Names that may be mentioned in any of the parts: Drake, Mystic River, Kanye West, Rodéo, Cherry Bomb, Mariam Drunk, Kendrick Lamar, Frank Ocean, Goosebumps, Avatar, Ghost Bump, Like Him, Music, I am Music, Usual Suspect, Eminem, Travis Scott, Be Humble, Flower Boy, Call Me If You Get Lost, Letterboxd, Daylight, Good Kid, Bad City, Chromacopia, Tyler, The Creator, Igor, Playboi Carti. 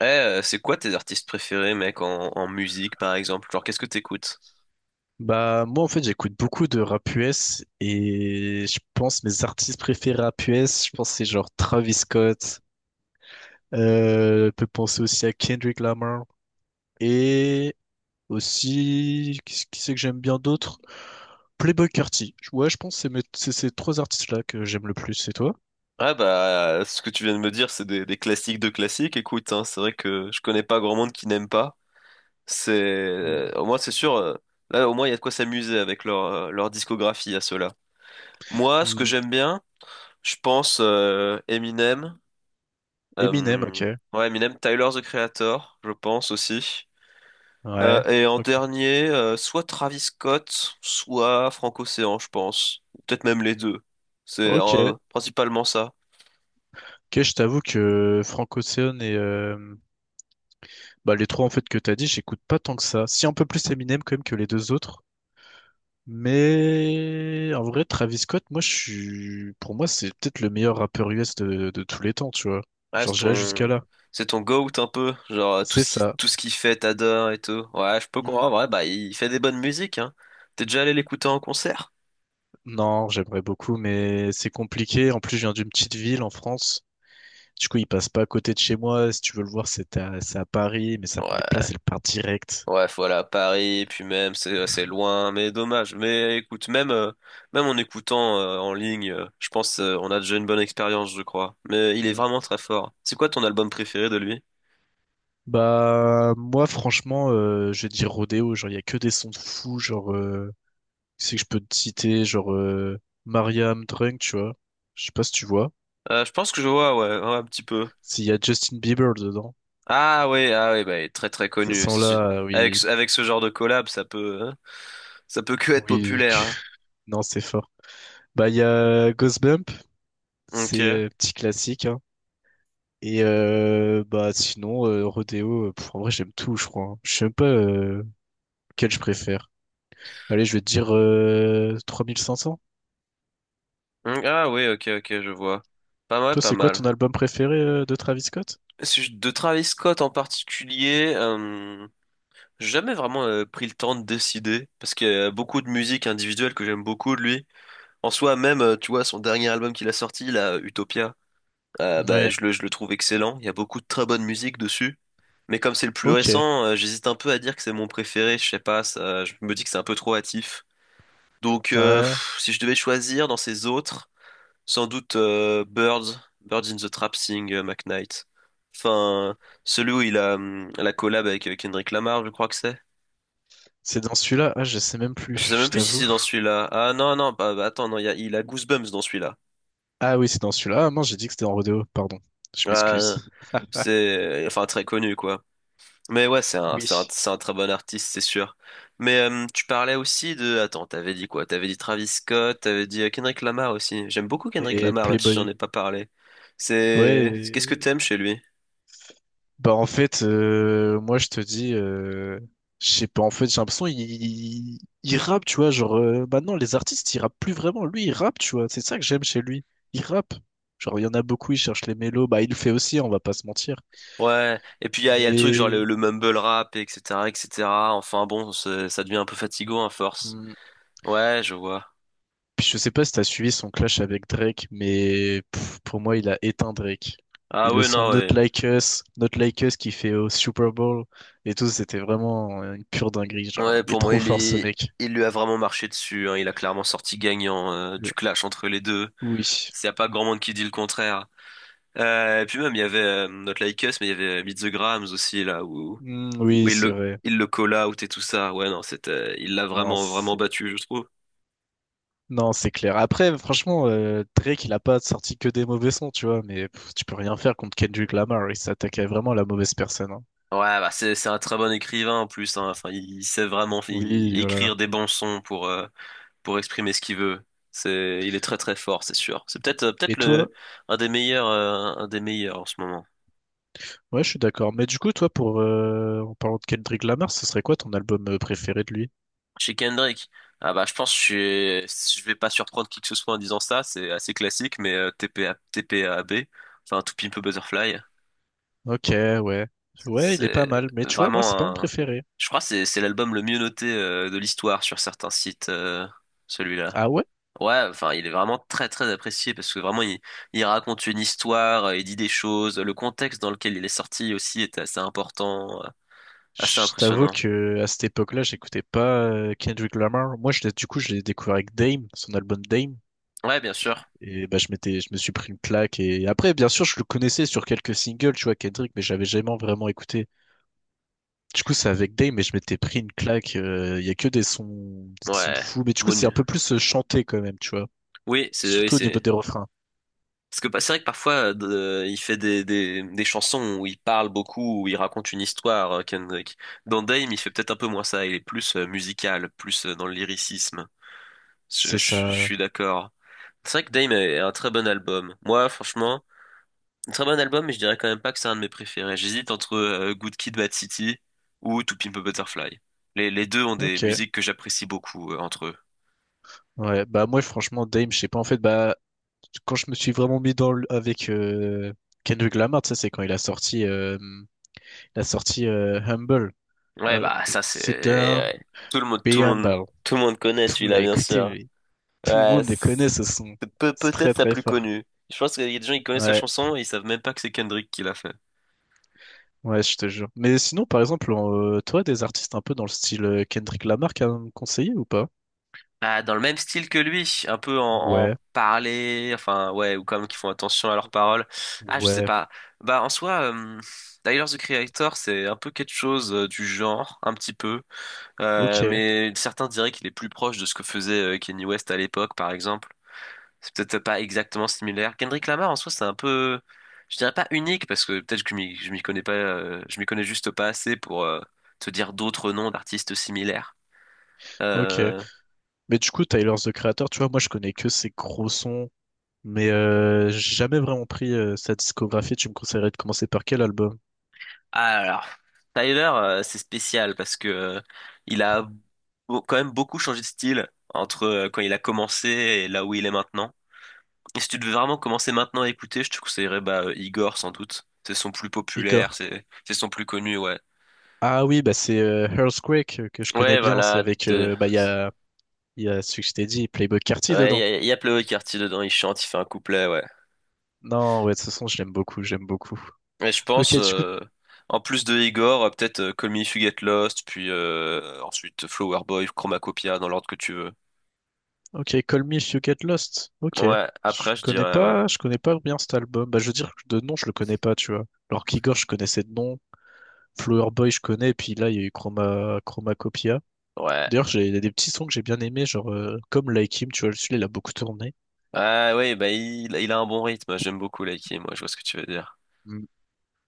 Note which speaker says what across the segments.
Speaker 1: Eh, c'est quoi tes artistes préférés, mec, en musique, par exemple? Genre, qu'est-ce que t'écoutes?
Speaker 2: Bah moi en fait j'écoute beaucoup de rap US et je pense mes artistes préférés rap US, je pense c'est genre Travis Scott, je peux penser aussi à Kendrick Lamar et aussi qui c'est que j'aime bien d'autres? Playboi Carti. Ouais je pense que c'est c'est ces trois artistes-là que j'aime le plus, c'est toi?
Speaker 1: Ah bah, ce que tu viens de me dire, c'est des classiques de classiques. Écoute, hein, c'est vrai que je connais pas grand monde qui n'aime pas. C'est,
Speaker 2: Hmm.
Speaker 1: au moins, c'est sûr. Là, au moins, il y a de quoi s'amuser avec leur discographie à ceux-là. Moi, ce que
Speaker 2: Hmm.
Speaker 1: j'aime bien, je pense Eminem.
Speaker 2: Eminem,
Speaker 1: euh,
Speaker 2: ok.
Speaker 1: Ouais, Eminem, Tyler, The Creator, je pense aussi. Euh,
Speaker 2: Ouais.
Speaker 1: et en
Speaker 2: Ok.
Speaker 1: dernier, soit Travis Scott, soit Franco-Océan, je pense. Ou peut-être même les deux. C'est
Speaker 2: Ok.
Speaker 1: principalement ça.
Speaker 2: Ok, je t'avoue que Frank Ocean et bah, les trois en fait que t'as dit, j'écoute pas tant que ça. Si un peu plus Eminem quand même que les deux autres. Mais en vrai, Travis Scott, moi, je suis, pour moi, c'est peut-être le meilleur rappeur US de tous les temps, tu vois.
Speaker 1: Ouais,
Speaker 2: Genre, j'irais jusqu'à là.
Speaker 1: c'est ton goat un peu, genre
Speaker 2: C'est ça.
Speaker 1: tout ce qu'il fait, t'adores et tout. Ouais, je peux
Speaker 2: Mm.
Speaker 1: comprendre. Ouais, bah il fait des bonnes musiques, hein. T'es déjà allé l'écouter en concert?
Speaker 2: Non, j'aimerais beaucoup, mais c'est compliqué. En plus, je viens d'une petite ville en France. Du coup, il passe pas à côté de chez moi. Si tu veux le voir, c'est à Paris, mais ça, les
Speaker 1: Ouais.
Speaker 2: places, elles partent direct.
Speaker 1: Ouais, voilà, Paris, puis même, c'est assez loin, mais dommage. Mais écoute, même en écoutant en ligne, je pense on a déjà une bonne expérience, je crois. Mais il est vraiment très fort. C'est quoi ton album préféré de lui?
Speaker 2: Bah moi franchement je vais dire Rodéo, genre il y a que des sons de fou, c'est que je peux te citer, Mariam Drunk, tu vois. Je sais pas si tu vois.
Speaker 1: Je pense que je vois, ouais, ouais, un petit peu.
Speaker 2: S'il y a Justin Bieber dedans.
Speaker 1: Ah oui, ah oui, bah, il est très très
Speaker 2: Ces
Speaker 1: connu.
Speaker 2: sons-là,
Speaker 1: Avec,
Speaker 2: oui,
Speaker 1: ce- avec ce genre de collab, hein, ça peut que être
Speaker 2: oui,
Speaker 1: populaire. Hein.
Speaker 2: non c'est fort. Bah il y a Ghost Bump, c'est
Speaker 1: Ok.
Speaker 2: petit classique, hein. Et bah sinon Rodéo, pff, en vrai j'aime tout je crois, hein. Je sais même pas lequel je préfère. Allez, je vais te dire 3500.
Speaker 1: Mm, ah oui, ok, ok, je vois. Pas mal,
Speaker 2: Toi,
Speaker 1: pas
Speaker 2: c'est quoi ton
Speaker 1: mal.
Speaker 2: album préféré de Travis Scott?
Speaker 1: Si je- De Travis Scott en particulier. J'ai jamais vraiment pris le temps de décider, parce qu'il y a beaucoup de musique individuelle que j'aime beaucoup de lui. En soi, même, tu vois, son dernier album qu'il a sorti, là, Utopia, bah,
Speaker 2: Ouais,
Speaker 1: je le trouve excellent. Il y a beaucoup de très bonne musique dessus. Mais comme c'est le plus
Speaker 2: ok.
Speaker 1: récent, j'hésite un peu à dire que c'est mon préféré, je sais pas, ça, je me dis que c'est un peu trop hâtif. Donc,
Speaker 2: Ouais.
Speaker 1: si je devais choisir dans ces autres, sans doute Birds in the Trap Sing, McKnight. Enfin, celui où il a la collab avec Kendrick Lamar, je crois que c'est.
Speaker 2: C'est dans celui-là? Ah, je sais même plus,
Speaker 1: Je sais même
Speaker 2: je
Speaker 1: plus si
Speaker 2: t'avoue.
Speaker 1: c'est dans celui-là. Ah non, non, bah, bah, attends, non, il a Goosebumps dans celui-là.
Speaker 2: Ah oui, c'est dans celui-là. Ah mince, j'ai dit que c'était en rodeo, pardon. Je m'excuse.
Speaker 1: Ah, c'est, enfin, très connu, quoi. Mais ouais,
Speaker 2: Oui.
Speaker 1: c'est un très bon artiste, c'est sûr. Mais tu parlais aussi de... Attends, t'avais dit quoi? T'avais dit Travis Scott, t'avais dit Kendrick Lamar aussi. J'aime beaucoup Kendrick
Speaker 2: Et
Speaker 1: Lamar, même si j'en
Speaker 2: Playboy.
Speaker 1: ai pas parlé.
Speaker 2: Ouais,
Speaker 1: Qu'est-ce que t'aimes chez lui?
Speaker 2: bah en fait, moi je te dis, je sais pas, en fait j'ai l'impression il rappe, tu vois, maintenant les artistes ils rappent plus vraiment, lui il rappe, tu vois, c'est ça que j'aime chez lui, il rappe. Genre il y en a beaucoup, il cherche les mélos, bah il le fait aussi, on va pas se mentir.
Speaker 1: Ouais, et puis il y a le truc genre
Speaker 2: Mais
Speaker 1: le mumble rap, et etc., etc. Enfin bon, ça devient un peu fatigant à force.
Speaker 2: hmm,
Speaker 1: Ouais, je vois.
Speaker 2: puis je sais pas si t'as suivi son clash avec Drake, mais pff, pour moi il a éteint Drake. Et
Speaker 1: Ah
Speaker 2: le
Speaker 1: ouais,
Speaker 2: son
Speaker 1: non,
Speaker 2: Not
Speaker 1: ouais.
Speaker 2: Like Us, Not Like Us qu'il fait au Super Bowl et tout, c'était vraiment une pure dinguerie, genre
Speaker 1: Ouais,
Speaker 2: il est
Speaker 1: pour moi,
Speaker 2: trop fort ce mec.
Speaker 1: il lui a vraiment marché dessus. Hein. Il a clairement sorti gagnant
Speaker 2: Euh,
Speaker 1: du clash entre les deux.
Speaker 2: Oui.
Speaker 1: Il n'y a pas grand monde qui dit le contraire. Et puis même, il y avait notre Like Us, mais il y avait Meet the Grams aussi, là,
Speaker 2: Hmm,
Speaker 1: où
Speaker 2: oui, c'est vrai.
Speaker 1: il le call out et tout ça. Ouais, non, c'était, il l'a
Speaker 2: Non,
Speaker 1: vraiment, vraiment
Speaker 2: c'est...
Speaker 1: battu, je trouve.
Speaker 2: Non, c'est clair. Après, franchement, Drake, il a pas sorti que des mauvais sons, tu vois, mais pff, tu peux rien faire contre Kendrick Lamar. Il s'attaquait vraiment à la mauvaise personne, hein.
Speaker 1: Ouais, bah, c'est un très bon écrivain en plus. Hein. Enfin, il sait vraiment
Speaker 2: Oui, voilà.
Speaker 1: écrire des bons sons pour exprimer ce qu'il veut. Il est très, très fort, c'est sûr. C'est peut-être
Speaker 2: Et toi?
Speaker 1: un des meilleurs en ce moment.
Speaker 2: Ouais, je suis d'accord. Mais du coup, toi, pour en parlant de Kendrick Lamar, ce serait quoi ton album préféré de lui?
Speaker 1: Chez Kendrick. Ah bah je pense que je vais pas surprendre qui que ce soit en disant ça, c'est assez classique, mais T P A T P A B enfin To Pimp a Butterfly,
Speaker 2: Ok, ouais. Ouais, il est pas
Speaker 1: c'est
Speaker 2: mal. Mais tu vois, moi, c'est pas mon
Speaker 1: vraiment un...
Speaker 2: préféré.
Speaker 1: Je crois que c'est l'album le mieux noté de l'histoire sur certains sites, celui-là.
Speaker 2: Ah ouais?
Speaker 1: Ouais, enfin il est vraiment très très apprécié parce que vraiment il raconte une histoire, il dit des choses, le contexte dans lequel il est sorti aussi est assez important, assez
Speaker 2: Je t'avoue
Speaker 1: impressionnant.
Speaker 2: que à cette époque-là, j'écoutais pas Kendrick Lamar. Moi, je l'ai, du coup, je l'ai découvert avec Dame, son album Dame.
Speaker 1: Ouais, bien sûr.
Speaker 2: Et bah, je me suis pris une claque. Et après, bien sûr, je le connaissais sur quelques singles, tu vois, Kendrick, mais j'avais jamais vraiment écouté. Du coup, c'est avec Dame, mais je m'étais pris une claque. Il y a que des sons de
Speaker 1: Ouais,
Speaker 2: fou. Mais du coup, c'est un
Speaker 1: Monu.
Speaker 2: peu plus chanté quand même, tu vois.
Speaker 1: Oui,
Speaker 2: Surtout au niveau
Speaker 1: c'est
Speaker 2: des refrains.
Speaker 1: parce que c'est vrai que parfois, il fait des chansons où il parle beaucoup, où il raconte une histoire, Kendrick. Dans Dame, il fait peut-être un peu moins ça. Il est plus musical, plus dans le lyricisme. Je, je-
Speaker 2: C'est
Speaker 1: je
Speaker 2: ça.
Speaker 1: suis d'accord. C'est vrai que Dame est un très bon album. Moi, franchement, un très bon album, mais je dirais quand même pas que c'est un de mes préférés. J'hésite entre Good Kid, Bad City ou To Pimp a Butterfly. Les deux ont des
Speaker 2: Ok.
Speaker 1: musiques que j'apprécie beaucoup entre eux.
Speaker 2: Ouais. Bah, moi, franchement, Dame, je sais pas. En fait, bah, quand je me suis vraiment mis dans le, avec Kendrick Lamar, tu sais, c'est quand il a sorti Humble.
Speaker 1: Ouais,
Speaker 2: Alors,
Speaker 1: bah ça c'est...
Speaker 2: c'est un
Speaker 1: ouais. Tout le monde, tout
Speaker 2: Be
Speaker 1: le monde,
Speaker 2: Humble.
Speaker 1: tout le monde connaît
Speaker 2: Tout
Speaker 1: celui-là,
Speaker 2: l'a
Speaker 1: bien sûr.
Speaker 2: écouté, tout le
Speaker 1: Ouais,
Speaker 2: monde les
Speaker 1: c'est
Speaker 2: connaît, ce son. C'est très
Speaker 1: peut-être sa
Speaker 2: très
Speaker 1: plus
Speaker 2: fort.
Speaker 1: connue. Je pense qu'il y a des gens qui connaissent la
Speaker 2: Ouais,
Speaker 1: chanson et ils savent même pas que c'est Kendrick qui l'a fait.
Speaker 2: ouais, je te jure. Mais sinon, par exemple, toi, des artistes un peu dans le style Kendrick Lamar à me conseiller ou pas?
Speaker 1: Ah, dans le même style que lui, un peu
Speaker 2: Ouais,
Speaker 1: en parler, enfin ouais, ou quand même qui font attention à leurs paroles. Ah, je sais
Speaker 2: ouais,
Speaker 1: pas. Bah en soi, Tyler, the Creator, c'est un peu quelque chose du genre, un petit peu. Euh,
Speaker 2: ok,
Speaker 1: mais certains diraient qu'il est plus proche de ce que faisait Kanye West à l'époque, par exemple. C'est peut-être pas exactement similaire. Kendrick Lamar, en soi, c'est un peu, je dirais pas unique, parce que peut-être que je m'y connais pas, je m'y connais juste pas assez pour te dire d'autres noms d'artistes similaires.
Speaker 2: ok.
Speaker 1: Euh,
Speaker 2: Mais du coup, Tyler, The Creator, tu vois, moi, je connais que ses gros sons, mais j'ai jamais vraiment pris sa discographie. Tu me conseillerais de commencer par quel album?
Speaker 1: ah, alors, Tyler, c'est spécial parce que il a quand même beaucoup changé de style entre quand il a commencé et là où il est maintenant. Et si tu devais vraiment commencer maintenant à écouter, je te conseillerais bah, Igor sans doute. C'est son plus populaire,
Speaker 2: Igor.
Speaker 1: c'est son plus connu, ouais.
Speaker 2: Ah oui, bah c'est Earthquake que je connais
Speaker 1: Ouais,
Speaker 2: bien. C'est
Speaker 1: voilà,
Speaker 2: avec,
Speaker 1: deux.
Speaker 2: bah, il y a celui que je t'ai dit, Playboi Carti
Speaker 1: Ouais,
Speaker 2: dedans.
Speaker 1: y a Playboy Carty dedans, il chante, il fait un couplet, ouais.
Speaker 2: Non, ouais, de toute façon, je l'aime beaucoup, j'aime beaucoup.
Speaker 1: Et je
Speaker 2: Ok,
Speaker 1: pense,
Speaker 2: du coup,
Speaker 1: en plus de Igor, peut-être Call Me If You Get Lost, puis ensuite Flower Boy, Chromacopia, dans l'ordre que tu veux.
Speaker 2: ok, Call Me If You Get Lost. Ok.
Speaker 1: Ouais, après je dirais, ouais.
Speaker 2: Je connais pas bien cet album. Bah, je veux dire, de nom, je le connais pas, tu vois. Alors qu'Igor, je connaissais de nom. Flower Boy, je connais. Et puis là, il y a eu Chroma, Chromacopia.
Speaker 1: Ouais.
Speaker 2: D'ailleurs, j'ai, il y a des petits sons que j'ai bien aimés, genre, comme Like Him, tu vois, celui-là, il a beaucoup tourné.
Speaker 1: Ah oui, bah il a un bon rythme, j'aime beaucoup Laiki, moi, je vois ce que tu veux dire.
Speaker 2: Mm.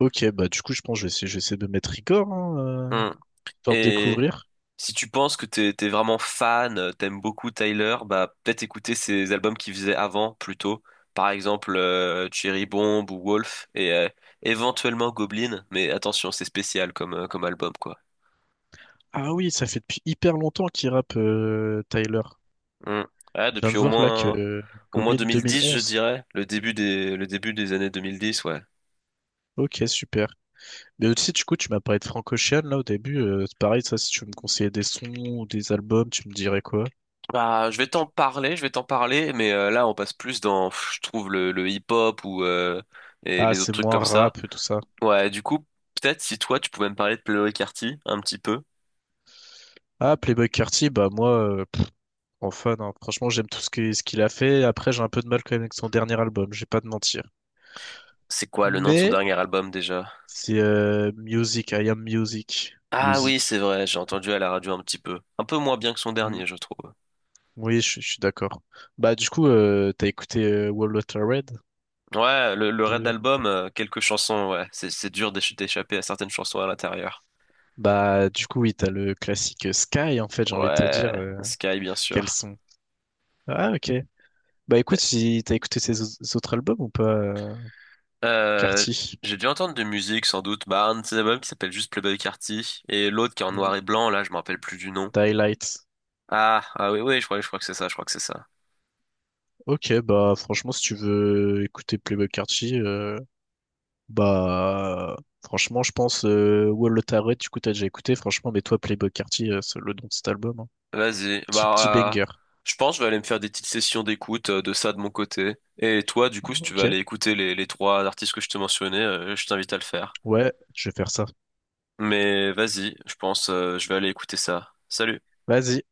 Speaker 2: Ok, bah, du coup, je pense que je vais essayer de mettre Igor, hein, euh,
Speaker 1: Hmm.
Speaker 2: histoire de
Speaker 1: Et
Speaker 2: découvrir.
Speaker 1: si tu penses que t'es vraiment fan, t'aimes beaucoup Tyler, bah peut-être écouter ses albums qu'il faisait avant plutôt. Par exemple Cherry Bomb ou Wolf et éventuellement Goblin, mais attention, c'est spécial comme album quoi.
Speaker 2: Ah oui, ça fait depuis hyper longtemps qu'il rappe, Tyler.
Speaker 1: Hmm. Ouais,
Speaker 2: Je viens
Speaker 1: depuis
Speaker 2: de voir là que
Speaker 1: au moins
Speaker 2: Goblin
Speaker 1: 2010, je
Speaker 2: 2011.
Speaker 1: dirais, le début des années 2010, ouais.
Speaker 2: Ok, super. Mais aussi, du coup, tu m'as parlé de Franco Ocean, là, au début. C'est pareil, ça, si tu veux me conseillais des sons ou des albums, tu me dirais quoi?
Speaker 1: Bah, je vais t'en parler, mais là on passe plus dans, je trouve le hip-hop ou et
Speaker 2: Ah,
Speaker 1: les autres
Speaker 2: c'est
Speaker 1: trucs
Speaker 2: moins
Speaker 1: comme ça.
Speaker 2: rap et tout ça.
Speaker 1: Ouais, du coup, peut-être si toi tu pouvais me parler de Playboy Carti un petit peu.
Speaker 2: Ah, Playboi Carti, bah moi, pff, en fan, hein. Franchement, j'aime tout ce qu'il a fait. Après, j'ai un peu de mal quand même avec son dernier album, je vais pas te mentir.
Speaker 1: C'est quoi le nom de son
Speaker 2: Mais
Speaker 1: dernier album déjà?
Speaker 2: c'est Music, I am Music.
Speaker 1: Ah oui, c'est
Speaker 2: Music.
Speaker 1: vrai, j'ai entendu à la radio un petit peu. Un peu moins bien que son
Speaker 2: Hmm.
Speaker 1: dernier, je trouve.
Speaker 2: Oui, je suis d'accord. Bah du coup, t'as écouté Wall Water Red
Speaker 1: Ouais, le Red
Speaker 2: de...
Speaker 1: Album, quelques chansons, ouais. C'est dur d'échapper à certaines chansons à l'intérieur.
Speaker 2: Bah du coup, oui, t'as le classique Sky, en fait, j'ai envie de te
Speaker 1: Ouais,
Speaker 2: dire. Euh,
Speaker 1: Sky, bien
Speaker 2: quels
Speaker 1: sûr.
Speaker 2: sont. Ah, ok. Bah écoute, si t'as écouté autres albums ou pas,
Speaker 1: Euh,
Speaker 2: Carty?
Speaker 1: j'ai dû entendre de musique, sans doute. Bah, un de ses albums qui s'appelle juste Playboy Carti, et l'autre qui est en
Speaker 2: Mm.
Speaker 1: noir et blanc, là, je me rappelle plus du nom.
Speaker 2: Daylight.
Speaker 1: Ah, ah oui, oui, je crois que c'est ça, je crois que c'est ça.
Speaker 2: Ok, bah franchement, si tu veux écouter Playboi Carti, bah franchement, je pense Wall of Tarot, du coup, t'as déjà écouté, franchement, mais toi, Playboi Carti, c'est le nom de cet album, hein.
Speaker 1: Vas-y.
Speaker 2: Petit, petit
Speaker 1: Bah,
Speaker 2: banger.
Speaker 1: je pense que je vais aller me faire des petites sessions d'écoute de ça de mon côté. Et toi, du coup, si tu veux aller
Speaker 2: Ok,
Speaker 1: écouter les trois artistes que je te mentionnais, je t'invite à le faire.
Speaker 2: ouais, je vais faire ça.
Speaker 1: Mais vas-y, je pense, je vais aller écouter ça. Salut.
Speaker 2: Vas-y.